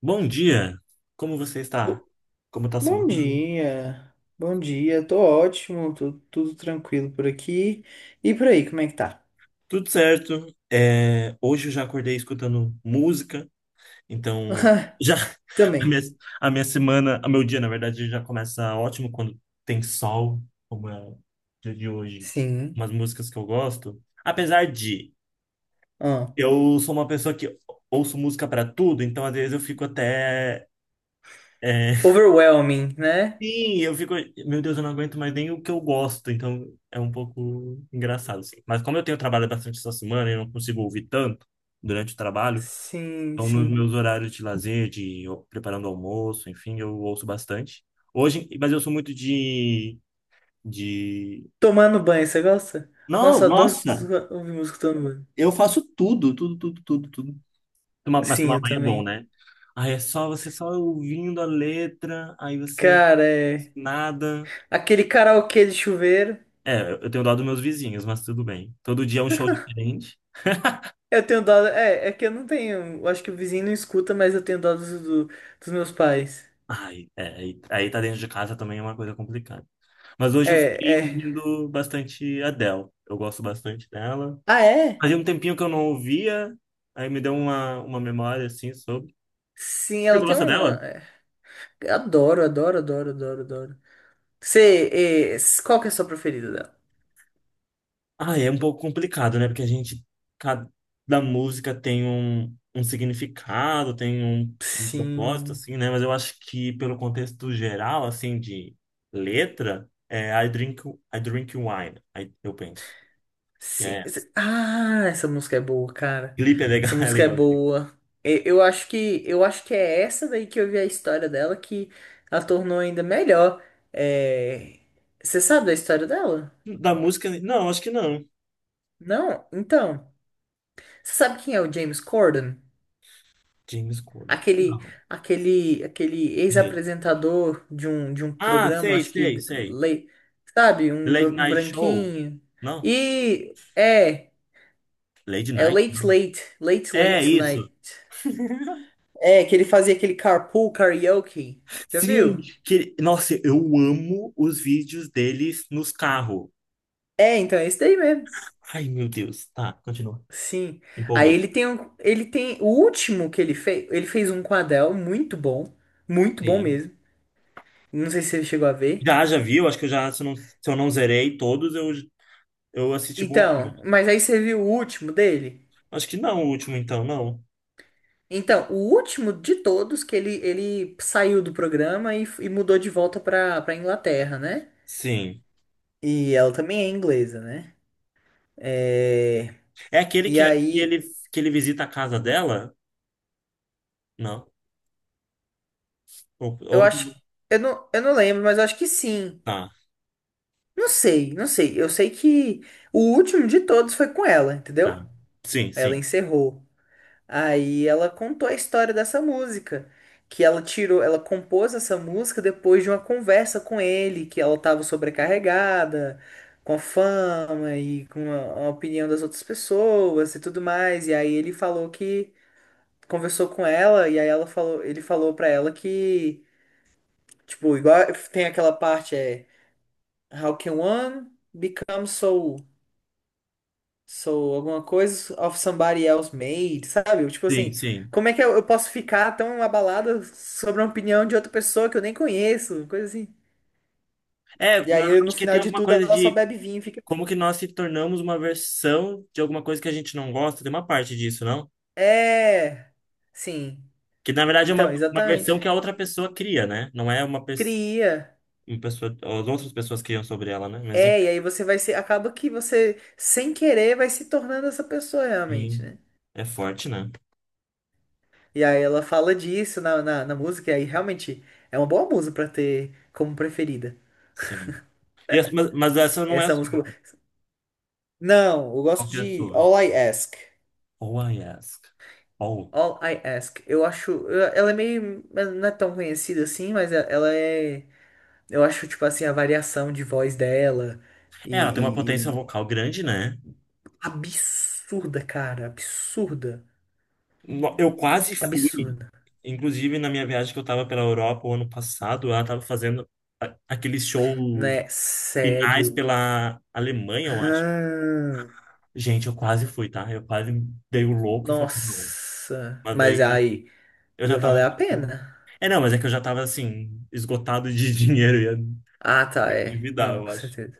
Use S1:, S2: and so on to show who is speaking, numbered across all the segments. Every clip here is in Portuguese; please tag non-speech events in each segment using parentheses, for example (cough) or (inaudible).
S1: Bom dia, como você está?
S2: Bo-
S1: Como está a semana?
S2: Bom dia, tô ótimo, tô tudo tranquilo por aqui. E por aí, como é que tá?
S1: Tudo certo. É, hoje eu já acordei escutando música, então já (laughs) a
S2: Também.
S1: minha, a minha semana, o meu dia, na verdade, já começa ótimo quando tem sol, como é o dia de hoje.
S2: Sim.
S1: Umas músicas que eu gosto. Apesar de
S2: Ah.
S1: eu sou uma pessoa que ouço música para tudo, então às vezes eu fico até é,
S2: Overwhelming, né?
S1: Sim, eu fico, meu Deus, eu não aguento mais nem o que eu gosto, então é um pouco engraçado, assim. Mas como eu tenho trabalho bastante essa semana e eu não consigo ouvir tanto durante o trabalho,
S2: Sim,
S1: então nos
S2: sim.
S1: meus horários de lazer, de preparando almoço, enfim, eu ouço bastante. Hoje, mas eu sou muito de, de.
S2: Tomando banho, você gosta? Nossa,
S1: Não,
S2: eu adoro
S1: nossa,
S2: ouvir música tomando banho.
S1: eu faço tudo, tudo, tudo, tudo, tudo. Mas
S2: Sim,
S1: tomar
S2: eu
S1: banho é bom,
S2: também.
S1: né? Aí é só você só ouvindo a letra, aí você
S2: Cara, é.
S1: nada.
S2: Aquele karaokê de chuveiro.
S1: É, eu tenho dó dos meus vizinhos, mas tudo bem. Todo dia é um show diferente.
S2: Eu tenho dó. É que eu não tenho. Eu acho que o vizinho não escuta, mas eu tenho dó dos meus pais.
S1: Ai, aí tá dentro de casa também é uma coisa complicada. Mas hoje eu fiquei
S2: É, é.
S1: ouvindo bastante Adele. Eu gosto bastante dela.
S2: Ah, é?
S1: Fazia um tempinho que eu não ouvia, aí me deu uma memória assim sobre.
S2: Sim,
S1: Você
S2: ela tem
S1: gosta
S2: um.
S1: dela?
S2: É, adoro, adoro, adoro, adoro, adoro. Você, qual que é a sua preferida dela?
S1: Ah, é um pouco complicado, né? Porque a gente, cada música tem um significado, tem um propósito,
S2: Sim,
S1: assim, né? Mas eu acho que pelo contexto geral, assim, de letra, é I drink wine, aí eu penso. Que
S2: sim.
S1: é,
S2: Ah, essa música é boa, cara.
S1: clipe é legal,
S2: Essa
S1: (laughs) é
S2: música é
S1: legal, assim.
S2: boa. Eu acho que, é essa daí que eu vi a história dela que a tornou ainda melhor. É. Você sabe da história dela?
S1: Da música, não, acho que não.
S2: Não? Então, você sabe quem é o James Corden?
S1: James Corden,
S2: Aquele,
S1: não.
S2: aquele
S1: Direito.
S2: ex-apresentador de um
S1: Ah,
S2: programa,
S1: sei,
S2: acho que,
S1: sei, sei.
S2: sabe, um,
S1: Late
S2: br- um
S1: Night Show,
S2: branquinho.
S1: não.
S2: E é,
S1: Late
S2: é
S1: Night,
S2: Late
S1: não.
S2: Late, Late
S1: É
S2: Late
S1: isso.
S2: Late. É, que ele fazia aquele carpool karaoke. Já
S1: Sim,
S2: viu?
S1: que nossa, eu amo os vídeos deles nos carros.
S2: É, então é esse daí mesmo.
S1: Ai, meu Deus. Tá, continua.
S2: Sim. Aí
S1: Empolguei.
S2: ele tem um, ele tem o último que ele fez um quadel muito bom
S1: Sim.
S2: mesmo. Não sei se você chegou a ver.
S1: Já, já viu? Acho que eu já, se eu não zerei todos, eu assisti boa
S2: Então,
S1: parte.
S2: mas aí você viu o último dele?
S1: Acho que não, o último então, não.
S2: Então, o último de todos que ele saiu do programa e mudou de volta pra Inglaterra, né?
S1: Sim.
S2: E ela também é inglesa, né? É,
S1: É aquele
S2: e
S1: que, que ele,
S2: aí,
S1: que ele visita a casa dela? Não.
S2: eu acho.
S1: Outro.
S2: Eu não lembro, mas eu acho que sim.
S1: Tá,
S2: Não sei, não sei. Eu sei que o último de todos foi com ela,
S1: tá.
S2: entendeu?
S1: Sim,
S2: Ela
S1: sim.
S2: encerrou. Aí ela contou a história dessa música, que ela tirou, ela compôs essa música depois de uma conversa com ele, que ela estava sobrecarregada com a fama e com a opinião das outras pessoas e tudo mais. E aí ele falou que conversou com ela e aí ele falou pra ela que, tipo, igual tem aquela parte é how can one become so, sou alguma coisa of somebody else made, sabe? Tipo
S1: Sim,
S2: assim,
S1: sim.
S2: como é que eu posso ficar tão abalada sobre a opinião de outra pessoa que eu nem conheço? Coisa assim.
S1: É,
S2: E aí, no
S1: acho que
S2: final
S1: tem
S2: de
S1: alguma
S2: tudo,
S1: coisa
S2: ela só
S1: de
S2: bebe vinho e fica
S1: como
S2: bem.
S1: que nós se tornamos uma versão de alguma coisa que a gente não gosta. Tem uma parte disso, não?
S2: É, sim.
S1: Que na verdade é
S2: Então,
S1: uma
S2: exatamente.
S1: versão que a outra pessoa cria, né? Não é
S2: Cria.
S1: uma pessoa. As outras pessoas criam sobre ela, né? Mas
S2: É, e aí você vai ser. Acaba que você, sem querer, vai se tornando essa pessoa realmente,
S1: enfim,
S2: né?
S1: é forte, né?
S2: E aí ela fala disso na música, e aí realmente é uma boa música pra ter como preferida.
S1: Sim. E mas essa não é a
S2: Essa
S1: sua,
S2: música. Não, eu gosto
S1: qualquer
S2: de
S1: sua.
S2: All I Ask.
S1: Oh, I ask. Oh.
S2: All I Ask. Eu acho. Ela é meio. Não é tão conhecida assim, mas ela é. Eu acho, tipo assim, a variação de voz dela. E.
S1: É, ela tem uma potência
S2: e- e-
S1: vocal grande, né?
S2: Absurda, cara. Absurda.
S1: Eu quase fui.
S2: Absurda.
S1: Inclusive, na minha viagem que eu tava pela Europa o ano passado, ela tava fazendo aqueles shows
S2: Né?
S1: finais
S2: Sério.
S1: pela Alemanha, eu acho.
S2: Ah,
S1: Gente, eu quase fui, tá? Eu quase dei o louco e falei, não.
S2: nossa.
S1: Mas
S2: Mas
S1: aí
S2: aí.
S1: eu
S2: Ia
S1: já tava,
S2: valer a
S1: tipo,
S2: pena.
S1: é, não, mas é que eu já tava assim, esgotado de (laughs) dinheiro, ia me
S2: Ah, tá. É.
S1: endividar,
S2: Não,
S1: eu
S2: com
S1: acho.
S2: certeza.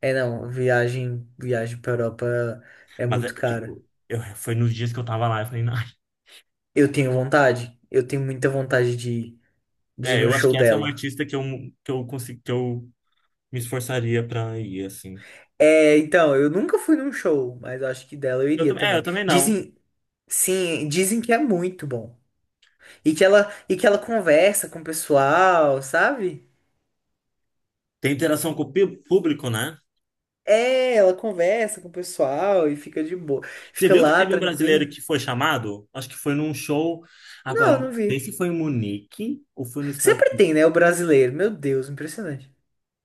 S2: É, não. Viagem pra Europa é
S1: Mas é,
S2: muito cara.
S1: tipo, foi nos dias que eu tava lá, eu falei, "Ai".
S2: Eu tenho vontade. Eu tenho muita vontade de ir
S1: É,
S2: num
S1: eu acho
S2: show
S1: que essa é uma
S2: dela.
S1: artista que eu, que eu me esforçaria pra ir, assim.
S2: É, então, eu nunca fui num show, mas eu acho que dela eu
S1: Eu
S2: iria
S1: também, eu
S2: também.
S1: também não.
S2: Dizem, sim, dizem que é muito bom. E que ela conversa com o pessoal, sabe?
S1: Tem interação com o público, né?
S2: É, ela conversa com o pessoal e fica de boa.
S1: Você
S2: Fica
S1: viu que
S2: lá,
S1: teve um brasileiro
S2: tranquila.
S1: que foi chamado? Acho que foi num show. Agora,
S2: Não,
S1: eu não
S2: não
S1: sei
S2: vi.
S1: se foi em Munique ou foi no estado.
S2: Sempre tem, né, o brasileiro. Meu Deus, impressionante.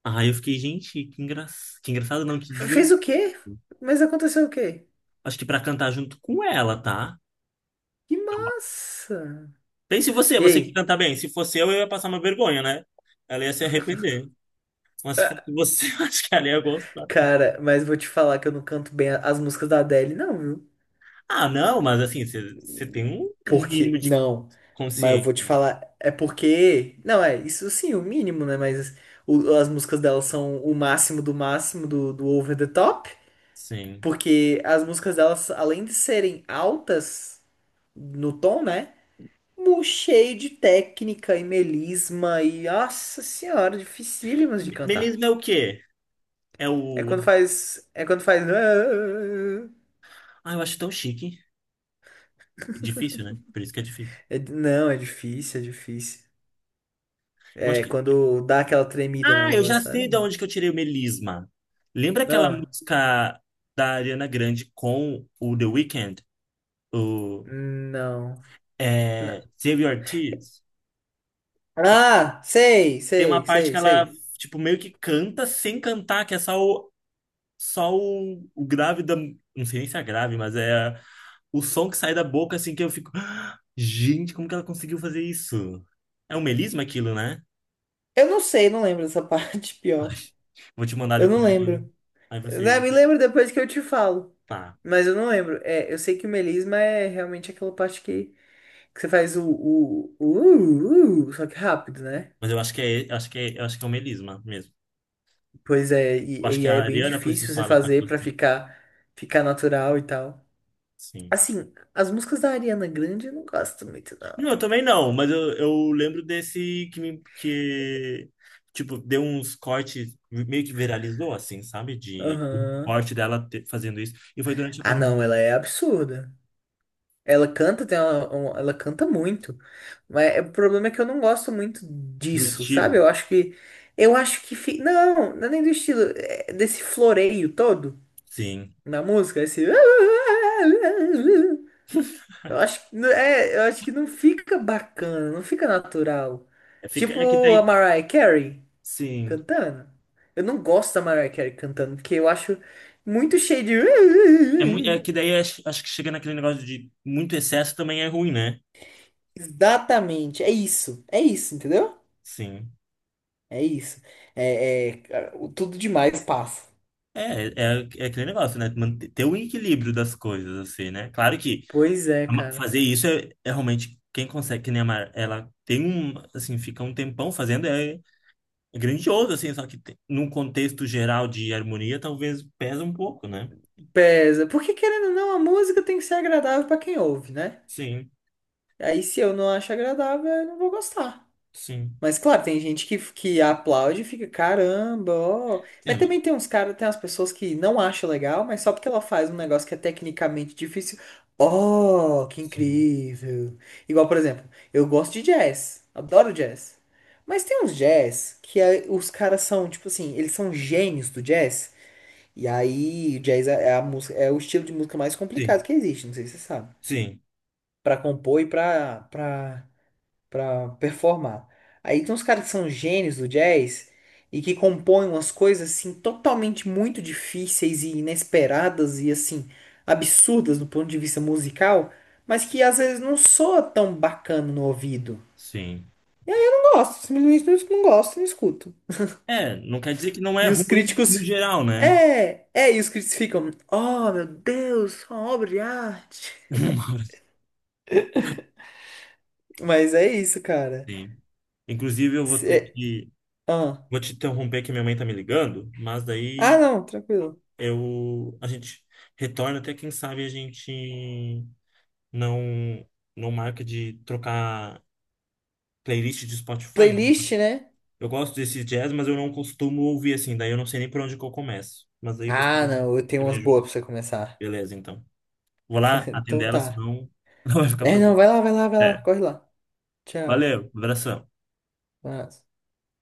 S1: Ah, eu fiquei, gente, que engraçado. Que engraçado, não, que
S2: Fez
S1: divertido.
S2: o quê? Mas aconteceu o quê?
S1: Acho que pra cantar junto com ela, tá?
S2: Que massa!
S1: Pense você,
S2: E
S1: você que
S2: aí?
S1: canta bem. Se fosse eu ia passar uma vergonha, né? Ela ia se arrepender. Mas se fosse você, (laughs) eu acho que ela ia gostar.
S2: Cara, mas vou te falar que eu não canto bem as músicas da Adele, não, viu?
S1: Ah, não, mas assim, você tem um mínimo
S2: Porque,
S1: de
S2: não. Mas eu vou
S1: consciência.
S2: te falar, é porque. Não, é, isso sim, o mínimo, né? Mas as músicas delas são o máximo do máximo do over the top.
S1: Sim.
S2: Porque as músicas delas, além de serem altas no tom, né? Cheio de técnica e melisma e, nossa senhora, dificílimas de cantar.
S1: Melisma é o quê? É
S2: É
S1: o.
S2: quando faz. É quando faz. "Ah",
S1: Ah, eu acho tão chique. Difícil, né? Por isso que é difícil.
S2: Não, é difícil, é difícil.
S1: Eu acho
S2: É,
S1: que.
S2: quando dá aquela tremida
S1: Ah,
S2: na
S1: eu
S2: voz,
S1: já sei de
S2: sabe?
S1: onde que eu tirei o melisma. Lembra aquela
S2: Ah,
S1: música da Ariana Grande com o The Weeknd? O.
S2: não.
S1: É...
S2: Na-
S1: Save Your Tears?
S2: Ah, sei,
S1: Tem uma
S2: sei,
S1: parte que
S2: sei,
S1: ela,
S2: sei.
S1: tipo, meio que canta sem cantar, que é o grave da. Não sei nem se é grave, mas é o som que sai da boca, assim, que eu fico. (gasps) "Ah, gente, como que ela conseguiu fazer isso? É um melisma aquilo, né?
S2: Eu não sei, não lembro dessa (laughs) parte, pior.
S1: Vou te mandar
S2: Eu não
S1: depois, então.
S2: lembro.
S1: Aí
S2: Ah,
S1: você.
S2: me lembro depois que eu te falo.
S1: Tá.
S2: Mas eu não lembro. É, eu sei que o melisma é realmente aquela parte que você faz o, só que rápido, né?
S1: Mas eu acho que é um melisma mesmo.
S2: Pois é,
S1: Eu acho
S2: e,
S1: que
S2: e
S1: a
S2: é bem
S1: Ariana por si
S2: difícil
S1: só
S2: você
S1: ela faz
S2: fazer pra
S1: bastante.
S2: ficar natural e tal.
S1: Sim.
S2: Assim, as músicas da Ariana Grande eu não gosto muito,
S1: Não,
S2: não.
S1: eu também não, mas eu lembro desse que tipo, deu uns cortes, meio que viralizou, assim, sabe? De o
S2: Aham.
S1: corte dela fazendo isso. E foi durante a
S2: Ah,
S1: pandemia
S2: não, ela é absurda. Ela canta, ela canta muito. Mas o problema é que eu não gosto muito
S1: do
S2: disso,
S1: estilo,
S2: sabe? Eu acho que. Eu acho que. Não, não é nem do estilo. É desse floreio todo
S1: sim.
S2: na música, esse. (laughs) Eu acho que, é, eu acho que não fica bacana, não fica natural.
S1: É, fica,
S2: Tipo
S1: é que
S2: a
S1: daí,
S2: Mariah Carey
S1: sim.
S2: cantando. Eu não gosto da Mariah Carey cantando, porque eu acho muito cheio
S1: É, é
S2: de.
S1: que
S2: (laughs)
S1: daí acho que chega naquele negócio de muito excesso também é ruim, né?
S2: Exatamente, é isso, entendeu?
S1: Sim.
S2: É isso. É, cara, o tudo demais passa.
S1: É, é, é aquele negócio, né? Manter, ter o equilíbrio das coisas, assim, né? Claro que
S2: Pois é, cara.
S1: Fazer isso é, realmente quem consegue, que nem a Mar, ela tem um, assim, fica um tempão fazendo, é grandioso, assim, só que num contexto geral de harmonia, talvez pesa um pouco, né?
S2: Pesa. Porque querendo ou não, a música tem que ser agradável pra quem ouve, né?
S1: Sim,
S2: Aí se eu não acho agradável, eu não vou gostar.
S1: sim.
S2: Mas claro, tem gente que aplaude e fica, caramba, ó.
S1: É,
S2: Mas também tem umas pessoas que não acham legal, mas só porque ela faz um negócio que é tecnicamente difícil. Oh, que
S1: sim,
S2: incrível. Igual, por exemplo, eu gosto de jazz, adoro jazz. Mas tem uns jazz que os caras são, tipo assim, eles são gênios do jazz. E aí, o jazz é a música, é o estilo de música mais complicado
S1: sim,
S2: que existe, não sei se você sabe.
S1: sim,
S2: Pra compor e pra performar. Aí tem uns caras que são gênios do jazz e que compõem umas coisas assim totalmente muito difíceis e inesperadas e assim absurdas do ponto de vista musical, mas que às vezes não soa tão bacana no ouvido.
S1: sim.
S2: Não gosto, simplesmente não, não gosto, não escuto.
S1: É, não quer dizer que não é
S2: E os
S1: ruim no
S2: críticos
S1: geral, né?
S2: e os críticos ficam, oh meu Deus, uma obra de arte.
S1: (laughs)
S2: Mas é isso, cara.
S1: Sim. Inclusive, eu vou ter
S2: Cê-
S1: que,
S2: Ah.
S1: vou te interromper que minha mãe tá me ligando, mas
S2: Ah,
S1: daí
S2: não, tranquilo.
S1: a gente retorna até quem sabe a gente não não marca de trocar playlist de Spotify, né?
S2: Playlist, né?
S1: Eu gosto desse jazz, mas eu não costumo ouvir assim, daí eu não sei nem por onde que eu começo. Mas aí
S2: Ah,
S1: você
S2: não, eu tenho
S1: me
S2: umas boas
S1: ajuda.
S2: pra você começar.
S1: Beleza, então. Vou lá atender
S2: Então
S1: ela,
S2: tá.
S1: senão (laughs) ela vai ficar
S2: É, não,
S1: preocupada.
S2: vai lá, vai lá, vai lá,
S1: É.
S2: corre lá. Tchau.
S1: Valeu, abração.
S2: Um abraço.